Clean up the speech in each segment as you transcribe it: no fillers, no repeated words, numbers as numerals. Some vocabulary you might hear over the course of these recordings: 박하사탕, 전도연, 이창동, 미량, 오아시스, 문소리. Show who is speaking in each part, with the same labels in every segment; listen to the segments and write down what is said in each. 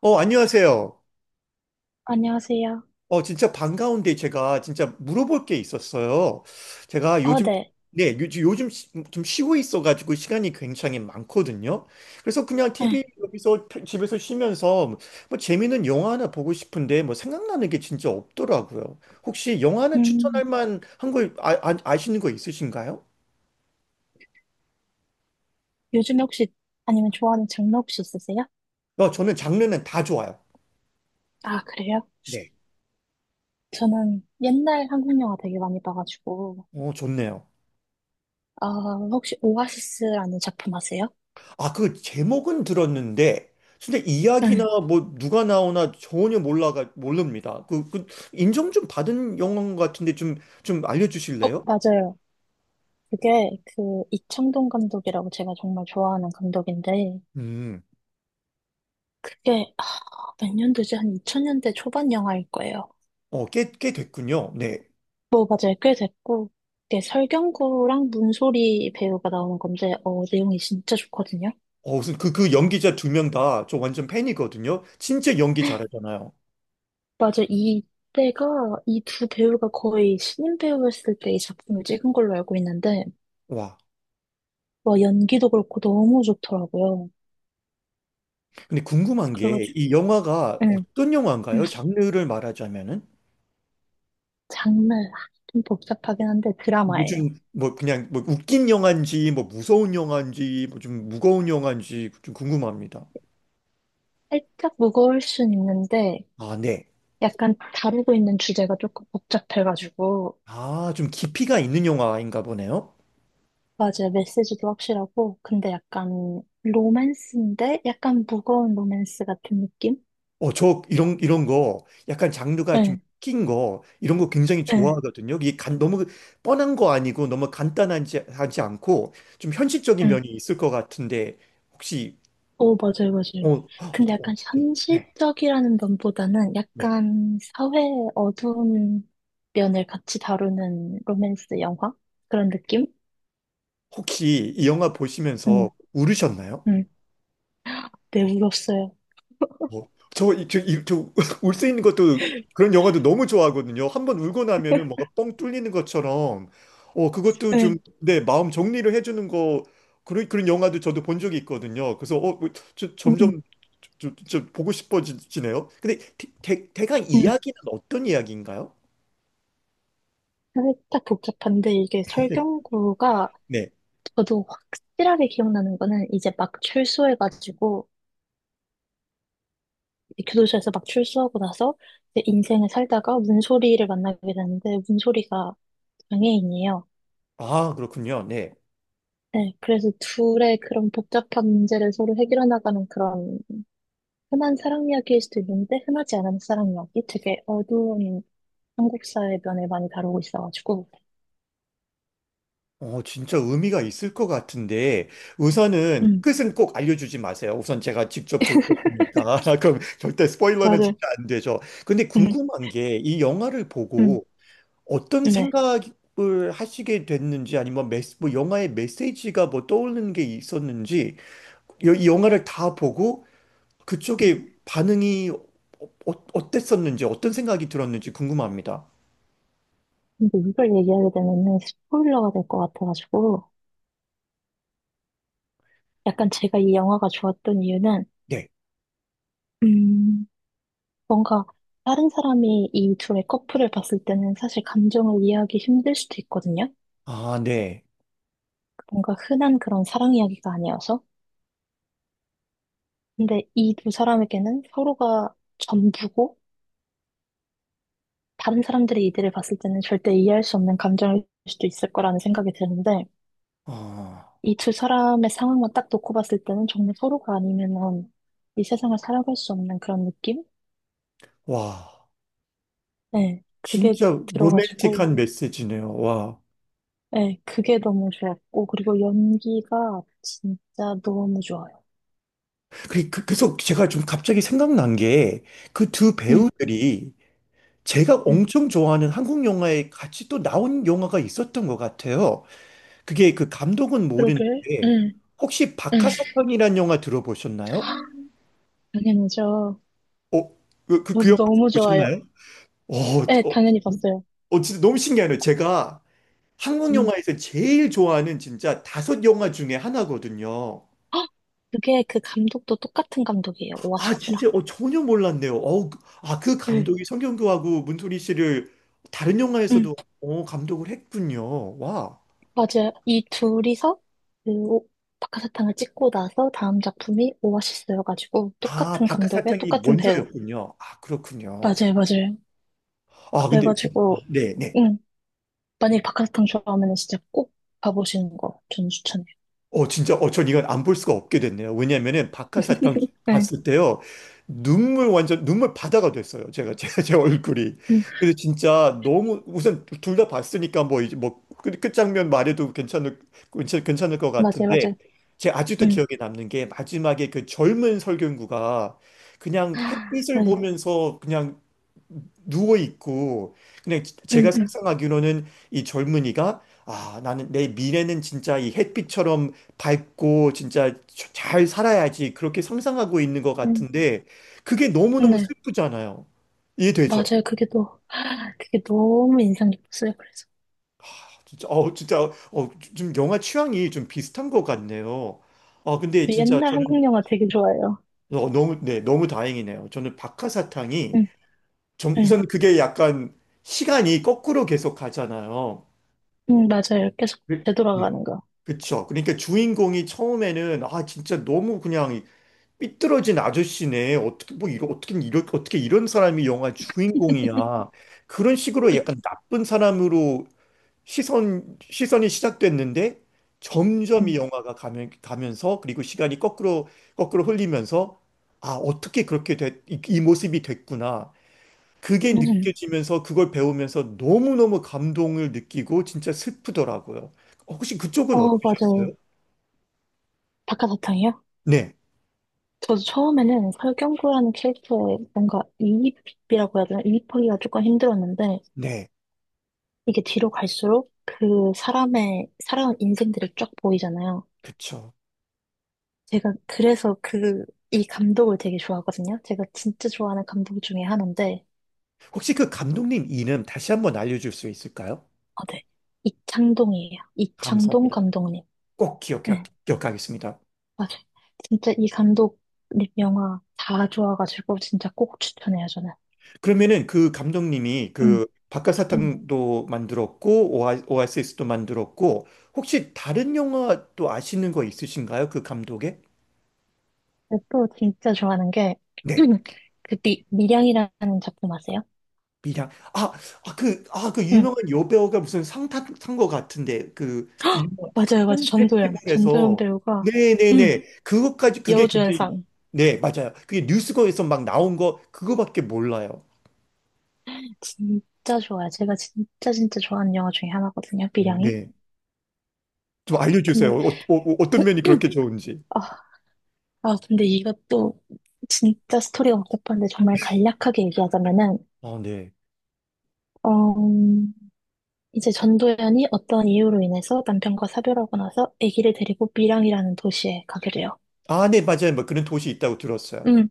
Speaker 1: 안녕하세요.
Speaker 2: 안녕하세요.
Speaker 1: 진짜 반가운데 제가 진짜 물어볼 게 있었어요. 제가
Speaker 2: 어,
Speaker 1: 요즘,
Speaker 2: 네.
Speaker 1: 네, 요즘 좀 쉬고 있어가지고 시간이 굉장히 많거든요. 그래서 그냥 TV
Speaker 2: 네.
Speaker 1: 여기서 집에서 쉬면서 뭐 재밌는 영화 하나 보고 싶은데 뭐 생각나는 게 진짜 없더라고요. 혹시 영화 하나
Speaker 2: 음,
Speaker 1: 추천할 만한 걸 아시는 거 있으신가요?
Speaker 2: 요즘에 혹시, 아니면 좋아하는 장르 혹시 있으세요?
Speaker 1: 저는 장르는 다 좋아요.
Speaker 2: 아, 그래요?
Speaker 1: 네.
Speaker 2: 저는 옛날 한국 영화 되게 많이 봐가지고,
Speaker 1: 좋네요.
Speaker 2: 아, 혹시 오아시스라는 작품 아세요?
Speaker 1: 아, 그 제목은 들었는데, 근데 이야기나
Speaker 2: 네.
Speaker 1: 뭐 누가 나오나 전혀 몰라가 모릅니다. 그 인정 좀 받은 영화인 것 같은데 좀
Speaker 2: 어,
Speaker 1: 알려주실래요?
Speaker 2: 맞아요. 그게 그 이창동 감독이라고 제가 정말 좋아하는 감독인데,
Speaker 1: 음,
Speaker 2: 그게, 아, 몇 년도지? 한 2000년대 초반 영화일 거예요.
Speaker 1: 꽤 됐군요. 네.
Speaker 2: 뭐, 맞아요. 꽤 됐고, 이게 설경구랑 문소리 배우가 나오는 건데, 어, 내용이 진짜 좋거든요.
Speaker 1: 무슨 그 연기자 두 명 다 저 완전 팬이거든요. 진짜 연기 잘하잖아요.
Speaker 2: 맞아. 이때가 이 두 배우가 거의 신인 배우였을 때 이 작품을 찍은 걸로 알고 있는데
Speaker 1: 와.
Speaker 2: 와 연기도 그렇고 너무 좋더라고요.
Speaker 1: 근데 궁금한 게
Speaker 2: 그래가지고
Speaker 1: 이 영화가
Speaker 2: 응.
Speaker 1: 어떤
Speaker 2: 응.
Speaker 1: 영화인가요? 장르를 말하자면은?
Speaker 2: 장르 아, 좀 복잡하긴 한데 드라마예요.
Speaker 1: 요즘 뭐 그냥 뭐 웃긴 영화인지 뭐 무서운 영화인지 뭐 좀 무거운 영화인지 좀 궁금합니다.
Speaker 2: 살짝 무거울 순 있는데
Speaker 1: 아, 네.
Speaker 2: 약간 다루고 있는 주제가 조금 복잡해가지고
Speaker 1: 아, 좀 깊이가 있는 영화인가 보네요.
Speaker 2: 맞아요. 메시지도 확실하고 근데 약간 로맨스인데 약간 무거운 로맨스 같은 느낌?
Speaker 1: 저 이런 이런 거 약간 장르가 좀
Speaker 2: 응,
Speaker 1: 낀 거, 이런 거 굉장히
Speaker 2: 응,
Speaker 1: 좋아하거든요. 이게 너무 뻔한 거 아니고 너무 간단하지 하지 않고 좀 현실적인
Speaker 2: 응.
Speaker 1: 면이 있을 것 같은데 혹시
Speaker 2: 오, 맞아요,
Speaker 1: 어,
Speaker 2: 맞아요.
Speaker 1: 어,
Speaker 2: 근데 약간
Speaker 1: 어, 네,
Speaker 2: 현실적이라는 면보다는
Speaker 1: 네.
Speaker 2: 약간 사회의 어두운 면을 같이 다루는 로맨스 영화? 그런 느낌?
Speaker 1: 혹시 이 영화
Speaker 2: 응,
Speaker 1: 보시면서 울으셨나요?
Speaker 2: 응. 네, 울었어요.
Speaker 1: 어, 저, 이- 저, 이- 저, 울수 있는 것도 그런 영화도 너무 좋아하거든요. 한 번 울고 나면은 뭔가 뻥 뚫리는 것처럼, 그것도 좀,
Speaker 2: 네,
Speaker 1: 네, 마음 정리를 해주는 거, 그런 영화도 저도 본 적이 있거든요. 그래서, 뭐,
Speaker 2: 응,
Speaker 1: 점점
Speaker 2: 응,
Speaker 1: 저 보고 싶어지네요. 근데 대강
Speaker 2: 응.
Speaker 1: 이야기는 어떤 이야기인가요?
Speaker 2: 살짝 복잡한데 이게 설경구가
Speaker 1: 네.
Speaker 2: 저도 확실하게 기억나는 거는 이제 막 출소해가지고 이제 교도소에서 막 출소하고 나서 이제 인생을 살다가 문소리를 만나게 되는데 문소리가 장애인이에요.
Speaker 1: 아, 그렇군요. 네.
Speaker 2: 네, 그래서 둘의 그런 복잡한 문제를 서로 해결해 나가는 그런 흔한 사랑 이야기일 수도 있는데 흔하지 않은 사랑 이야기 되게 어두운 한국 사의 면을 많이 다루고 있어가지고
Speaker 1: 진짜 의미가 있을 것 같은데, 우선은
Speaker 2: 음
Speaker 1: 끝은 꼭 알려주지 마세요. 우선 제가 직접 볼 거니까. 그럼 절대 스포일러는 진짜
Speaker 2: 맞아요
Speaker 1: 안 되죠. 근데
Speaker 2: 음,
Speaker 1: 궁금한 게, 이 영화를
Speaker 2: 음,
Speaker 1: 보고 어떤
Speaker 2: 네
Speaker 1: 생각을 하시게 됐는지, 아니면 뭐 영화의 메시지가 뭐 떠오르는 게 있었는지, 이 영화를 다 보고 그쪽에 반응이 어땠었는지, 어떤 생각이 들었는지 궁금합니다.
Speaker 2: 근데 이걸 얘기하게 되면은 스포일러가 될 것 같아가지고 약간 제가 이 영화가 좋았던 이유는
Speaker 1: 네.
Speaker 2: 음 뭔가 다른 사람이 이 둘의 커플을 봤을 때는 사실 감정을 이해하기 힘들 수도 있거든요
Speaker 1: 아, 네.
Speaker 2: 뭔가 흔한 그런 사랑 이야기가 아니어서 근데 이 두 사람에게는 서로가 전부고 다른 사람들의 이들을 봤을 때는 절대 이해할 수 없는 감정일 수도 있을 거라는 생각이 드는데
Speaker 1: 아,
Speaker 2: 이 두 사람의 상황만 딱 놓고 봤을 때는 정말 서로가 아니면은 이 세상을 살아갈 수 없는 그런 느낌?
Speaker 1: 와.
Speaker 2: 네, 그게
Speaker 1: 진짜
Speaker 2: 들어가지고
Speaker 1: 로맨틱한 메시지네요. 와.
Speaker 2: 네, 그게 너무 좋았고 그리고 연기가 진짜 너무 좋아요.
Speaker 1: 그래서 제가 좀 갑자기 생각난 게 그 두
Speaker 2: 응
Speaker 1: 배우들이 제가
Speaker 2: 응
Speaker 1: 엄청 좋아하는 한국 영화에 같이 또 나온 영화가 있었던 것 같아요. 그게 그 감독은
Speaker 2: 그러길,
Speaker 1: 모르는데
Speaker 2: 응
Speaker 1: 혹시
Speaker 2: 응
Speaker 1: 박하사탕이라는 영화 들어보셨나요?
Speaker 2: 당연하죠.
Speaker 1: 어, 그
Speaker 2: 저도
Speaker 1: 영화
Speaker 2: 너무 좋아요.
Speaker 1: 보셨나요? 어,
Speaker 2: 네,
Speaker 1: 어,
Speaker 2: 당연히 봤어요.
Speaker 1: 진짜 너무 신기하네요. 제가 한국
Speaker 2: 응.
Speaker 1: 영화에서 제일 좋아하는 진짜 다섯 영화 중에 하나거든요.
Speaker 2: 헉! 그게 그 감독도 똑같은 감독이에요.
Speaker 1: 아,
Speaker 2: 오아시스랑.
Speaker 1: 진짜, 전혀 몰랐네요. 아, 그
Speaker 2: 네.
Speaker 1: 감독이 성경교하고 문소리 씨를 다른
Speaker 2: 응,
Speaker 1: 영화에서도 감독을 했군요. 와.
Speaker 2: 맞아요. 이 둘이서 그 오- 박하사탕을 찍고 나서 다음 작품이 오아시스여가지고
Speaker 1: 아,
Speaker 2: 똑같은 감독에
Speaker 1: 바깥사탕이
Speaker 2: 똑같은 배우.
Speaker 1: 먼저였군요. 아, 그렇군요.
Speaker 2: 맞아요, 맞아요.
Speaker 1: 아, 근데, 아,
Speaker 2: 그래가지고
Speaker 1: 네, 네.
Speaker 2: 응, 만약에 박하사탕 좋아하면 진짜 꼭 봐보시는 거 저는 추천해요.
Speaker 1: 진짜, 전 이건 안 볼 수가 없게 됐네요. 왜냐면은 박하사탕
Speaker 2: 네,
Speaker 1: 봤을 때요. 눈물 완전, 눈물 바다가 됐어요. 제가, 제 얼굴이.
Speaker 2: 응,
Speaker 1: 그래서 진짜 너무, 우선 둘 다 봤으니까 뭐, 이제 뭐, 끝장면 말해도 괜찮을 것
Speaker 2: 맞아요,
Speaker 1: 같은데,
Speaker 2: 맞아요.
Speaker 1: 제 아직도
Speaker 2: 응,
Speaker 1: 기억에 남는 게 마지막에 그 젊은 설경구가 그냥 햇빛을
Speaker 2: 네,
Speaker 1: 보면서 그냥 누워 있고 근데 제가
Speaker 2: 응, 응,
Speaker 1: 상상하기로는 이 젊은이가 아 나는 내 미래는 진짜 이 햇빛처럼 밝고 진짜 잘 살아야지 그렇게 상상하고 있는 것
Speaker 2: 응,
Speaker 1: 같은데 그게 너무너무
Speaker 2: 네,
Speaker 1: 슬프잖아요. 이해되죠?
Speaker 2: 맞아요. 그게 또 그게 너무 인상 깊었어요. 그래서.
Speaker 1: 진짜 진짜 좀 영화 취향이 좀 비슷한 것 같네요. 아 근데 진짜
Speaker 2: 옛날
Speaker 1: 저는
Speaker 2: 한국 영화 되게 좋아해요.
Speaker 1: 너무, 네, 너무 다행이네요. 저는 박하사탕이
Speaker 2: 응,
Speaker 1: 전
Speaker 2: 응,
Speaker 1: 우선 그게 약간 시간이 거꾸로 계속 가잖아요.
Speaker 2: 응, 맞아요. 계속
Speaker 1: 네,
Speaker 2: 되돌아가는 거.
Speaker 1: 그쵸. 그러니까 주인공이 처음에는 아 진짜 너무 그냥 삐뚤어진 아저씨네. 어떻게 뭐 어떻게 어떻게 이런 사람이 영화 주인공이야. 그런 식으로 약간 나쁜 사람으로 시선이 시작됐는데 점점 이
Speaker 2: 응,
Speaker 1: 영화가 가면서 그리고 시간이 거꾸로 거꾸로 흘리면서 아 어떻게 그렇게 이 모습이 됐구나. 그게
Speaker 2: 응.
Speaker 1: 느껴지면서 그걸 배우면서 너무너무 감동을 느끼고 진짜 슬프더라고요. 혹시 그쪽은
Speaker 2: 어, 맞아요.
Speaker 1: 어떠셨어요?
Speaker 2: 박하사탕이요?
Speaker 1: 네,
Speaker 2: 저도 처음에는 설경구라는 캐릭터의 뭔가 이입이라고 해야 되나? 이입하기가 조금 힘들었는데,
Speaker 1: 네,
Speaker 2: 이게 뒤로 갈수록 그 사람의, 살아온 인생들이 쫙 보이잖아요.
Speaker 1: 그쵸.
Speaker 2: 제가 그래서 그, 이 감독을 되게 좋아하거든요. 제가 진짜 좋아하는 감독 중에 하나인데,
Speaker 1: 혹시 그 감독님 이름 다시 한번 알려줄 수 있을까요?
Speaker 2: 어, 네. 이창동이에요. 이창동
Speaker 1: 감사합니다.
Speaker 2: 감독님.
Speaker 1: 꼭
Speaker 2: 네.
Speaker 1: 기억하겠습니다.
Speaker 2: 맞아. 진짜 이 감독님 영화 다 좋아가지고 진짜 꼭 추천해요, 저는.
Speaker 1: 그러면은 그 감독님이
Speaker 2: 응.
Speaker 1: 그
Speaker 2: 응.
Speaker 1: 박하사탕도 만들었고, 오아시스도 만들었고, 혹시 다른 영화 또 아시는 거 있으신가요? 그 감독의?
Speaker 2: 근데 또 진짜 좋아하는 게,
Speaker 1: 네.
Speaker 2: 그 미량이라는 작품 아세요?
Speaker 1: 미량. 그
Speaker 2: 응.
Speaker 1: 유명한 여배우가 무슨 상 탄거 같은데, 그, 유명한
Speaker 2: 맞아요, 맞아요.
Speaker 1: 한
Speaker 2: 전도연. 전도연
Speaker 1: 페스티벌에서.
Speaker 2: 배우가, 응.
Speaker 1: 네네네. 그것까지, 그게 그때,
Speaker 2: 여우주연상.
Speaker 1: 네, 맞아요. 그게 뉴스거에서 막 나온 거, 그거밖에 몰라요.
Speaker 2: 진짜 좋아요. 제가 진짜 진짜 좋아하는 영화 중에 하나거든요, 미량이.
Speaker 1: 네.
Speaker 2: 어,
Speaker 1: 좀 알려주세요.
Speaker 2: 근데,
Speaker 1: 어떤 면이 그렇게 좋은지.
Speaker 2: 아, 아, 근데 이것도 진짜 스토리가 복잡한데 정말 간략하게 얘기하자면은,
Speaker 1: 아, 네.
Speaker 2: 어, 이제 전도연이 어떤 이유로 인해서 남편과 사별하고 나서 아기를 데리고 밀양이라는 도시에 가게 돼요.
Speaker 1: 아, 네, 맞아요. 뭐 그런 도시 있다고 들었어요.
Speaker 2: 응,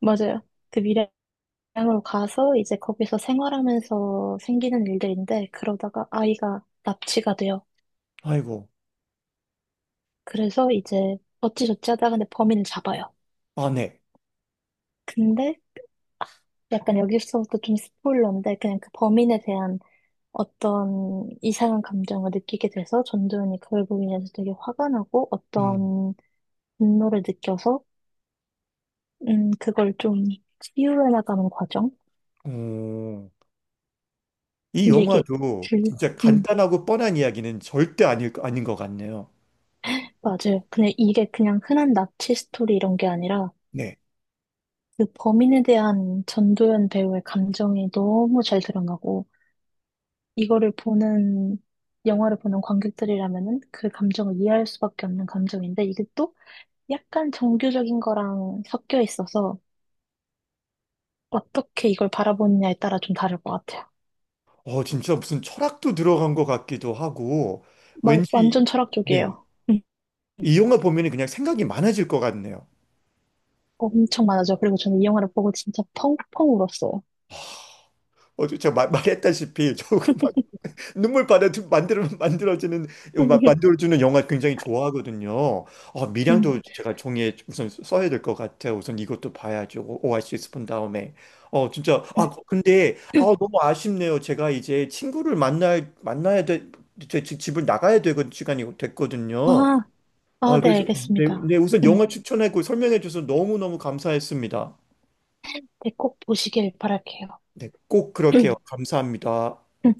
Speaker 2: 맞아요. 그 밀양으로 가서 이제 거기서 생활하면서 생기는 일들인데 그러다가 아이가 납치가 돼요.
Speaker 1: 아이고.
Speaker 2: 그래서 이제 어찌저찌 하다가 근데 범인을 잡아요.
Speaker 1: 아, 네.
Speaker 2: 근데 아, 약간 여기서부터 좀 스포일러인데 그냥 그 범인에 대한 어떤 이상한 감정을 느끼게 돼서 전도연이 그걸 보면서 되게 화가 나고
Speaker 1: 음.
Speaker 2: 어떤 분노를 느껴서 그걸 좀 치유해 나가는 과정?
Speaker 1: 어, 이
Speaker 2: 근데 이게
Speaker 1: 영화도
Speaker 2: 줄,
Speaker 1: 진짜
Speaker 2: 음,
Speaker 1: 간단하고 뻔한 이야기는 절대 아닌 것 같네요.
Speaker 2: 맞아요. 근데 이게 그냥 흔한 납치 스토리 이런 게 아니라
Speaker 1: 네.
Speaker 2: 그 범인에 대한 전도연 배우의 감정이 너무 잘 드러나고 이거를 보는, 영화를 보는 관객들이라면은 그 감정을 이해할 수밖에 없는 감정인데 이게 또 약간 정교적인 거랑 섞여 있어서 어떻게 이걸 바라보느냐에 따라 좀 다를 것 같아요.
Speaker 1: 진짜 무슨 철학도 들어간 것 같기도 하고,
Speaker 2: 마, 완전
Speaker 1: 왠지, 네.
Speaker 2: 철학적이에요. 음.
Speaker 1: 이 영화 보면 그냥 생각이 많아질 것 같네요.
Speaker 2: 엄청 많아져. 그리고 저는 이 영화를 보고 진짜 펑펑 울었어요.
Speaker 1: 제가 말했다시피, 조금 막 눈물 만들어지는, 막 만들어주는 영화 굉장히 좋아하거든요.
Speaker 2: 음.
Speaker 1: 미량도 제가 종이에 우선 써야 될 것 같아요. 우선 이것도 봐야죠. 오아시스 본 다음에. 진짜, 아, 근데, 아, 너무 아쉽네요. 제가 이제 친구를 만나야 돼, 제 집을 나가야 되는 시간이 됐거든요.
Speaker 2: 아, 아,
Speaker 1: 아,
Speaker 2: 네,
Speaker 1: 그래서 네,
Speaker 2: 알겠습니다.
Speaker 1: 네, 우선
Speaker 2: 음,
Speaker 1: 영화 추천하고 설명해 줘서 너무너무 감사했습니다.
Speaker 2: 네, 꼭 보시길 바랄게요.
Speaker 1: 네, 꼭 그렇게요. 감사합니다.